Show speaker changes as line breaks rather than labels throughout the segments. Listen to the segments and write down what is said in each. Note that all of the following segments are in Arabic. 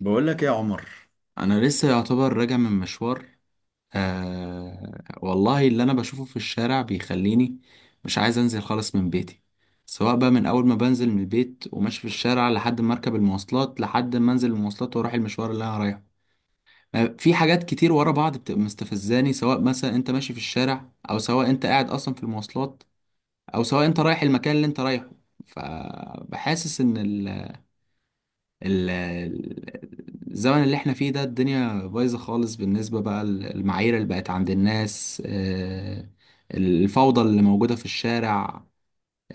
بقول لك ايه يا عمر. انا لسه يعتبر راجع من مشوار. آه والله اللي انا بشوفه في الشارع بيخليني مش عايز انزل خالص من بيتي، سواء بقى من اول ما بنزل من البيت وماشي في الشارع لحد ما اركب المواصلات لحد ما انزل المواصلات واروح المشوار اللي انا رايحه. في حاجات كتير ورا بعض بتبقى مستفزاني، سواء مثلا انت ماشي في الشارع او سواء انت قاعد اصلا في المواصلات او سواء انت رايح المكان اللي انت رايحه. فبحاسس ان الزمن اللي احنا فيه ده الدنيا بايظة خالص بالنسبة بقى للمعايير اللي بقت عند الناس. الفوضى اللي موجودة في الشارع،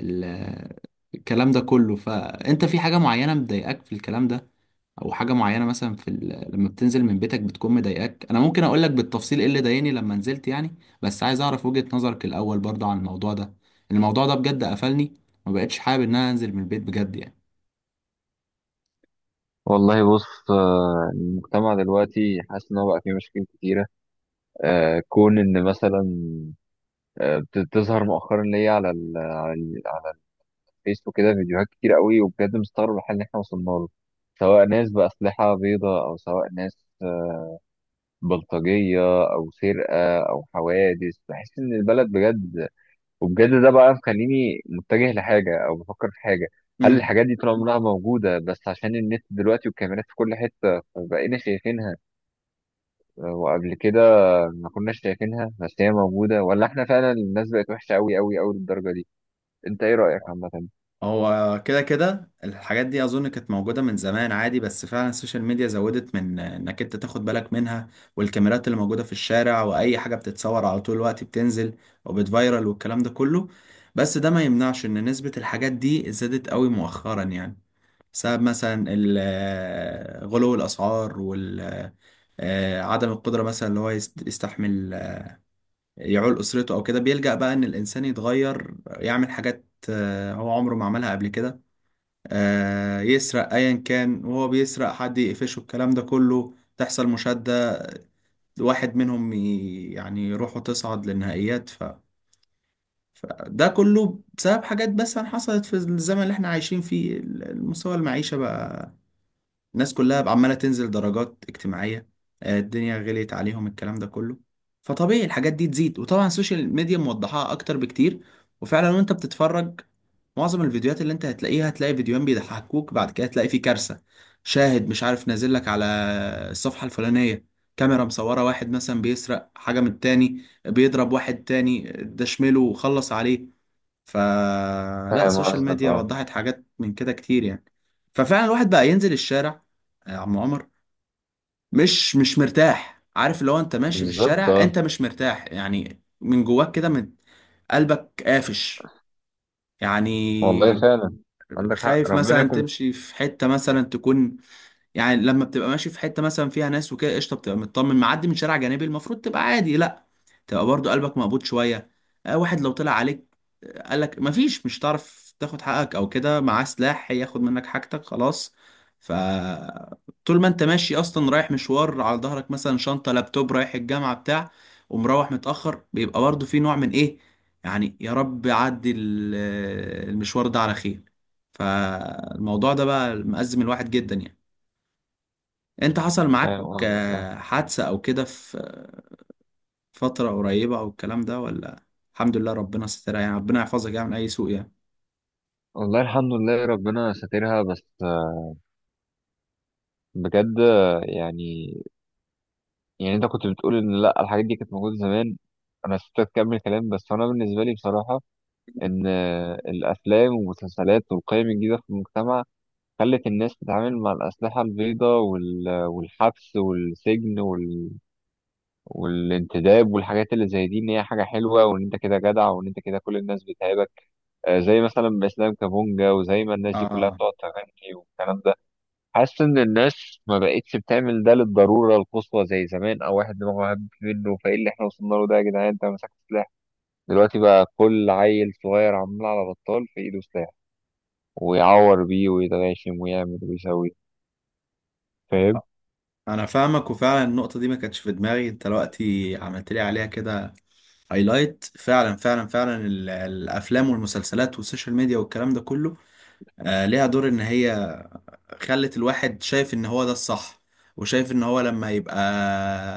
ال- الكلام ده كله. فأنت في حاجة معينة مضايقاك في الكلام ده، أو حاجة معينة مثلا لما بتنزل من بيتك بتكون مضايقاك. أنا ممكن أقولك بالتفصيل إيه اللي ضايقني لما نزلت يعني، بس عايز أعرف وجهة نظرك الأول برضه عن الموضوع ده. الموضوع ده بجد قفلني، ما بقتش حابب إن أنا أنزل من البيت بجد.
والله بص، المجتمع دلوقتي حاسس ان هو بقى فيه مشاكل كتيره. كون ان مثلا بتظهر مؤخرا ليا على الفيسبوك كده فيديوهات كتير قوي، وبجد مستغرب الحال اللي احنا وصلنا له، سواء ناس باسلحه بيضاء او سواء ناس بلطجيه او سرقه او حوادث. بحس ان البلد بجد وبجد ده بقى مخليني متجه لحاجه او بفكر في حاجه. هل
يعني
الحاجات دي طول عمرها موجوده بس عشان النت دلوقتي والكاميرات في كل حته فبقينا شايفينها، وقبل كده ما كناش شايفينها بس هي موجودة، ولا احنا فعلا الناس بقت وحشة أوي أوي أوي للدرجة دي؟ انت ايه رأيك عامة؟
هو كده كده الحاجات دي اظن كانت موجوده من زمان عادي، بس فعلا السوشيال ميديا زودت من انك انت تاخد بالك منها. والكاميرات اللي موجوده في الشارع واي حاجه بتتصور على طول الوقت بتنزل وبتفايرل والكلام ده كله. بس ده ما يمنعش ان نسبه الحاجات دي زادت قوي مؤخرا يعني، بسبب مثلا غلو الاسعار وال، عدم القدره مثلا اللي هو يستحمل يعول اسرته او كده، بيلجأ بقى ان الانسان يتغير يعمل حاجات هو عمره ما عملها قبل كده. يسرق ايا كان، وهو بيسرق حد يقفشه الكلام ده كله تحصل مشادة، واحد منهم يعني روحه تصعد للنهائيات فده كله بسبب حاجات بس حصلت في الزمن اللي احنا عايشين فيه. مستوى المعيشة بقى، الناس كلها بقى عمالة تنزل درجات اجتماعية. الدنيا غليت عليهم الكلام ده كله، فطبيعي الحاجات دي تزيد. وطبعا السوشيال ميديا موضحاها اكتر بكتير. وفعلا وانت بتتفرج معظم الفيديوهات اللي انت هتلاقيها، هتلاقي فيديوهين بيضحكوك بعد كده هتلاقي فيه كارثة. شاهد مش عارف نازل لك على الصفحة الفلانية، كاميرا مصورة واحد مثلا بيسرق حاجة من التاني، بيضرب واحد تاني ده شمله وخلص عليه. فلا،
فاهم
السوشيال
قصدك،
ميديا
اه.
وضحت حاجات من كده كتير يعني. ففعلا الواحد بقى ينزل الشارع يا عم عمر مش مرتاح، عارف اللي هو انت ماشي في
بالظبط،
الشارع
اه.
انت مش مرتاح يعني، من جواك كده من قلبك قافش
والله
يعني.
فعلا عندك حق،
خايف
ربنا
مثلا
يكون.
تمشي في حتة مثلا تكون، يعني لما بتبقى ماشي في حته مثلا فيها ناس وكده قشطه بتبقى مطمن، معدي من شارع جانبي المفروض تبقى عادي، لا، تبقى برضو قلبك مقبوض شويه. آه، واحد لو طلع عليك قالك مفيش، مش هتعرف تاخد حقك او كده، معاه سلاح هياخد منك حاجتك خلاص. ف، طول ما انت ماشي اصلا رايح مشوار، على ظهرك مثلا شنطه لابتوب رايح الجامعه بتاع، ومروح متاخر، بيبقى برضو في نوع من ايه، يعني يا رب عدي المشوار ده على خير. فالموضوع ده بقى مأزم الواحد جدا يعني. انت حصل معاك
فاهم قصدك، اه.
حادثة او كده في فترة قريبة او الكلام ده ولا؟ الحمد لله ربنا سترها يعني، ربنا يحفظك يعني من اي سوء يعني.
والله الحمد لله ربنا ساترها، بس بجد يعني. يعني انت كنت بتقول ان لا الحاجات دي كانت موجودة زمان. انا نسيت اكمل كلام، بس انا بالنسبة لي بصراحة ان الافلام والمسلسلات والقيم الجديدة في المجتمع خلت الناس تتعامل مع الأسلحة البيضاء والحبس والسجن والانتداب والحاجات اللي زي دي، إن هي حاجة حلوة وإن أنت كده جدع وإن أنت كده كل الناس بتهابك. زي مثلا إسلام كابونجا وزي ما الناس دي كلها
اه
بتقعد تغني والكلام ده. حاسس إن الناس ما بقتش بتعمل ده للضرورة القصوى زي زمان أو واحد دماغه هب منه. فإيه اللي إحنا وصلنا له ده يا جدعان؟ أنت مسكت سلاح دلوقتي؟ بقى كل عيل صغير عمال على بطال في إيده سلاح، ويعور بيه ويتغاشم ويعمل ويسوي. فاهم؟
انا فاهمك، وفعلا النقطة دي ما كانتش في دماغي انت دلوقتي عملت لي عليها كده هايلايت. فعلا فعلا فعلا الافلام والمسلسلات والسوشيال ميديا والكلام ده كله آه ليها دور ان هي خلت الواحد شايف ان هو ده الصح. وشايف ان هو لما يبقى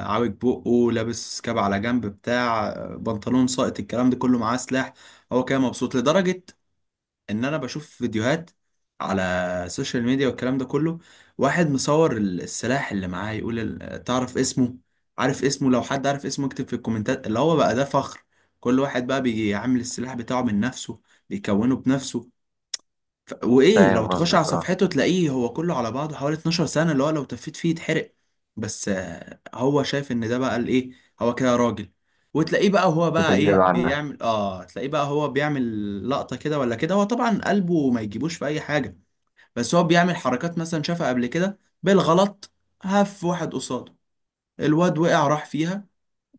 عاوج بقه لابس كاب على جنب بتاع، بنطلون ساقط الكلام ده كله معاه سلاح هو كده مبسوط لدرجة. ان انا بشوف فيديوهات على السوشيال ميديا والكلام ده كله، واحد مصور السلاح اللي معاه يقول تعرف اسمه، عارف اسمه لو حد عارف اسمه اكتب في الكومنتات، اللي هو بقى ده فخر. كل واحد بقى بيجي عامل السلاح بتاعه من نفسه، بيكونه بنفسه. وايه
فاهم
لو تخش على
قصدك، اه.
صفحته تلاقيه هو كله على بعضه حوالي 12 سنة، اللي هو لو تفيت فيه يتحرق. بس هو شايف ان ده بقى الايه، هو كده راجل. وتلاقيه بقى وهو بقى
بتتجاب
ايه
عنها.
بيعمل، اه تلاقيه بقى هو بيعمل لقطة كده ولا كده، هو طبعا قلبه ما يجيبوش في اي حاجة. بس هو بيعمل حركات مثلا شافها قبل كده بالغلط، هف واحد قصاده الواد وقع راح فيها.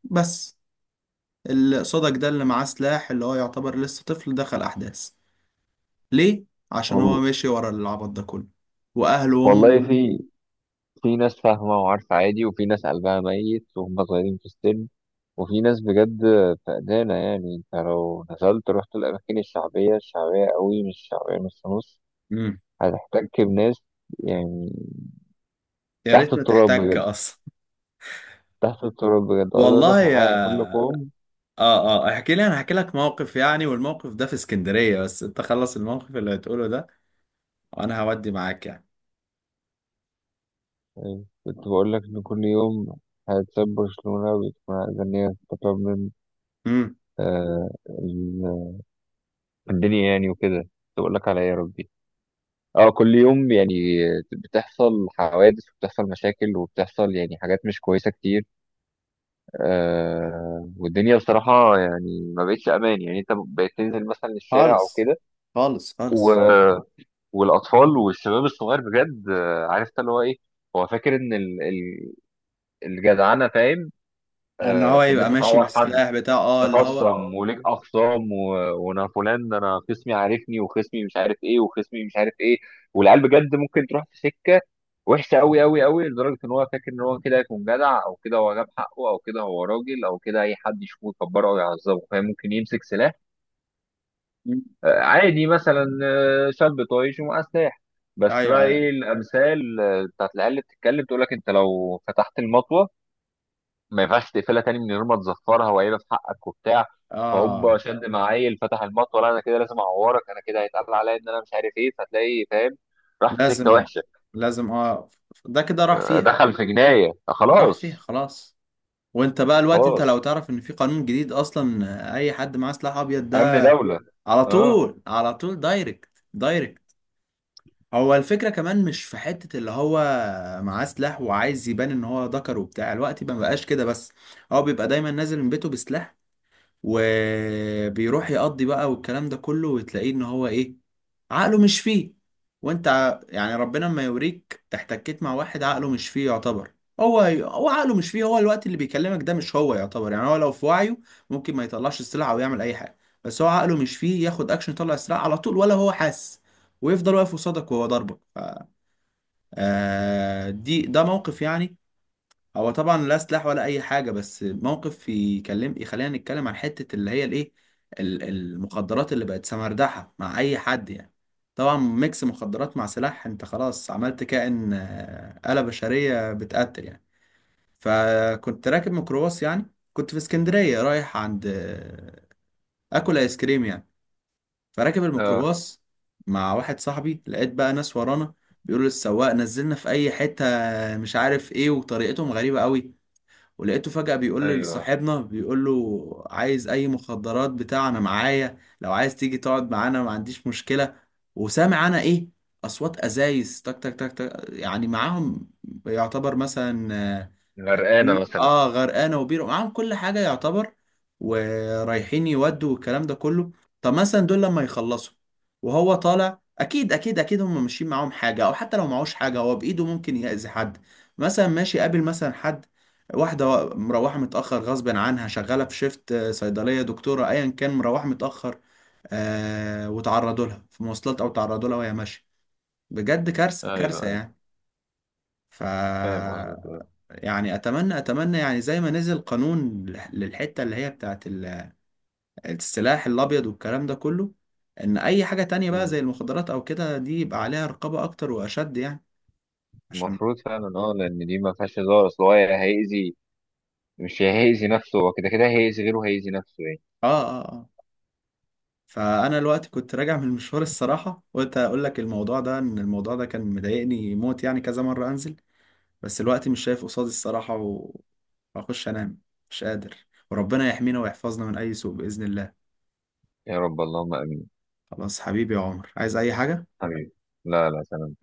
بس اللي قصادك ده اللي معاه سلاح اللي هو يعتبر لسه طفل دخل احداث، ليه؟ عشان هو
وال-
ماشي ورا العبط ده كله، واهله
والله
وامه.
في في ناس فاهمة وعارفة عادي، وفي ناس قلبها ميت وهم صغيرين في السن، وفي ناس بجد فقدانة. يعني انت لو نزلت رحت الأماكن الشعبية، الشعبية قوي مش شعبية نص نص،
امم
هتحتك بناس، يعني
يا
تحت
ريت ما
التراب
تحتك
بجد.
اصلا.
تحت التراب بجد. عايز أقول
والله
لك على
يا،
حاجة، كل يوم
اه اه احكي لي، انا هحكي لك موقف يعني، والموقف ده في اسكندرية، بس انت خلص الموقف اللي هتقوله ده وانا هودي معاك يعني.
يعني. كنت بقول لك إن كل يوم هتساب برشلونة وبتكون عايزة إن هي تطلب من،
امم
آه، في الدنيا يعني وكده. تقول لك على إيه يا ربي؟ اه كل يوم يعني بتحصل حوادث وبتحصل مشاكل وبتحصل يعني حاجات مش كويسة كتير. آه، والدنيا بصراحة يعني ما بقتش أمان. يعني أنت بقيت تنزل مثلا الشارع أو
خالص
كده
خالص
و...
خالص.
والأطفال والشباب الصغير بجد، عارف أنت اللي هو إيه. هو فاكر إن الجدعنة، فاهم،
ان هو
في إن
يبقى
أنت
ماشي
تعور حد،
بالسلاح بتاعه اه اللي هو.
تخصم وليك اخصام، وانا فلان ده، انا خصمي عارفني وخصمي مش عارف ايه وخصمي مش عارف ايه. والعيال بجد ممكن تروح في سكه وحشه قوي قوي قوي لدرجه ان هو فاكر ان هو كده هيكون جدع او كده هو جاب حقه او كده هو راجل او كده اي حد يشوفه يكبره او يعذبه، فاهم، ممكن يمسك سلاح.
مم.
عادي مثلا شاب طايش ومعاه سلاح. بس
ايوه
بقى
ايوه.
ايه الامثال بتاعت العيال اللي بتتكلم؟ تقول لك انت لو فتحت المطوه ما ينفعش تقفلها تاني من غير ما تزفرها وقايله في حقك وبتاع.
اه
فهوب شد معايل فتح المطوه، لا انا كده لازم اعورك، انا كده هيتقال عليا ان انا مش عارف ايه. فتلاقي، فاهم، راح في سكه
لازم،
وحشه،
لازم اه، ده كده راح فيها.
دخل في جنايه،
راح فيها
خلاص.
خلاص. وانت بقى الوقت، انت
خلاص،
لو تعرف ان في قانون جديد اصلا اي حد معاه سلاح ابيض
امن
ده،
دوله،
على
اه
طول على طول دايركت دايركت. هو الفكرة كمان مش في حتة اللي هو معاه سلاح وعايز يبان ان هو ذكر وبتاع، الوقت ما بقاش كده بس، هو بيبقى دايما نازل من بيته بسلاح وبيروح يقضي بقى والكلام ده كله. وتلاقيه ان هو ايه، عقله مش فيه. وانت يعني ربنا ما يوريك احتكيت مع واحد عقله مش فيه يعتبر، هو عقله مش فيه، هو الوقت اللي بيكلمك ده مش هو يعتبر يعني. هو لو في وعيه ممكن ما يطلعش السلعة او يعمل اي حاجة، بس هو عقله مش فيه ياخد اكشن يطلع السلعة على طول، ولا هو حاسس، ويفضل واقف قصادك وهو ضربك آه دي ده موقف يعني، هو طبعا لا سلاح ولا اي حاجه، بس موقف يكلم يخلينا نتكلم عن حته اللي هي الايه، المخدرات اللي بقت سمردحه مع اي حد يعني. طبعا ميكس مخدرات مع سلاح انت خلاص عملت كائن، آلة بشريه بتقتل يعني. فكنت راكب ميكروباص يعني، كنت في اسكندريه رايح عند اكل ايس كريم يعني. فراكب
اه.
الميكروباص مع واحد صاحبي، لقيت بقى ناس ورانا بيقولوا للسواق نزلنا في اي حته مش عارف ايه، وطريقتهم غريبه قوي. ولقيته فجأة بيقول
ايوه
لصاحبنا، بيقول له عايز أي مخدرات بتاع؟ أنا معايا لو عايز تيجي تقعد معانا ما عنديش مشكلة. وسامع أنا إيه؟ أصوات أزايز تك تك تك تك يعني، معاهم يعتبر مثلا، يعني
غرقانه
بي
مثلا.
اه غرقانه، وبير معاهم كل حاجه يعتبر. ورايحين يودوا والكلام ده كله. طب مثلا دول لما يخلصوا وهو طالع، اكيد اكيد اكيد هم ماشيين معاهم حاجه، او حتى لو معهوش حاجه هو بايده ممكن يأذي حد. مثلا ماشي قابل مثلا حد، واحده مروحه متاخر غصب عنها، شغاله في شيفت صيدليه دكتوره ايا كان مروحه متاخر، وتعرضوا لها في مواصلات او تعرضوا لها وهي ماشيه. بجد كارثه
ايوه
كارثه
ايوه.
يعني. ف،
فاهم قصدك، آه.
يعني اتمنى اتمنى يعني زي ما نزل قانون للحته اللي هي بتاعت السلاح الابيض والكلام ده كله، ان اي حاجه تانية بقى
مم.
زي المخدرات او كده دي يبقى عليها رقابه اكتر واشد يعني. عشان،
المفروض فعلا، اه، لان دي ما فيهاش هزار. اصل هو يا هيأذي، مش يا هيأذي نفسه، هو كده كده هيأذي غيره هيأذي نفسه يعني.
اه اه اه فانا الوقت كنت راجع من المشوار الصراحه، قلت اقول لك الموضوع ده ان الموضوع ده كان مضايقني موت يعني، كذا مره انزل بس الوقت مش شايف قصادي الصراحه واخش انام مش قادر. وربنا يحمينا ويحفظنا من اي سوء باذن الله.
يا رب، اللهم امين.
خلاص حبيبي يا عمر، عايز اي حاجه؟
حبيبي، لا لا، سلام.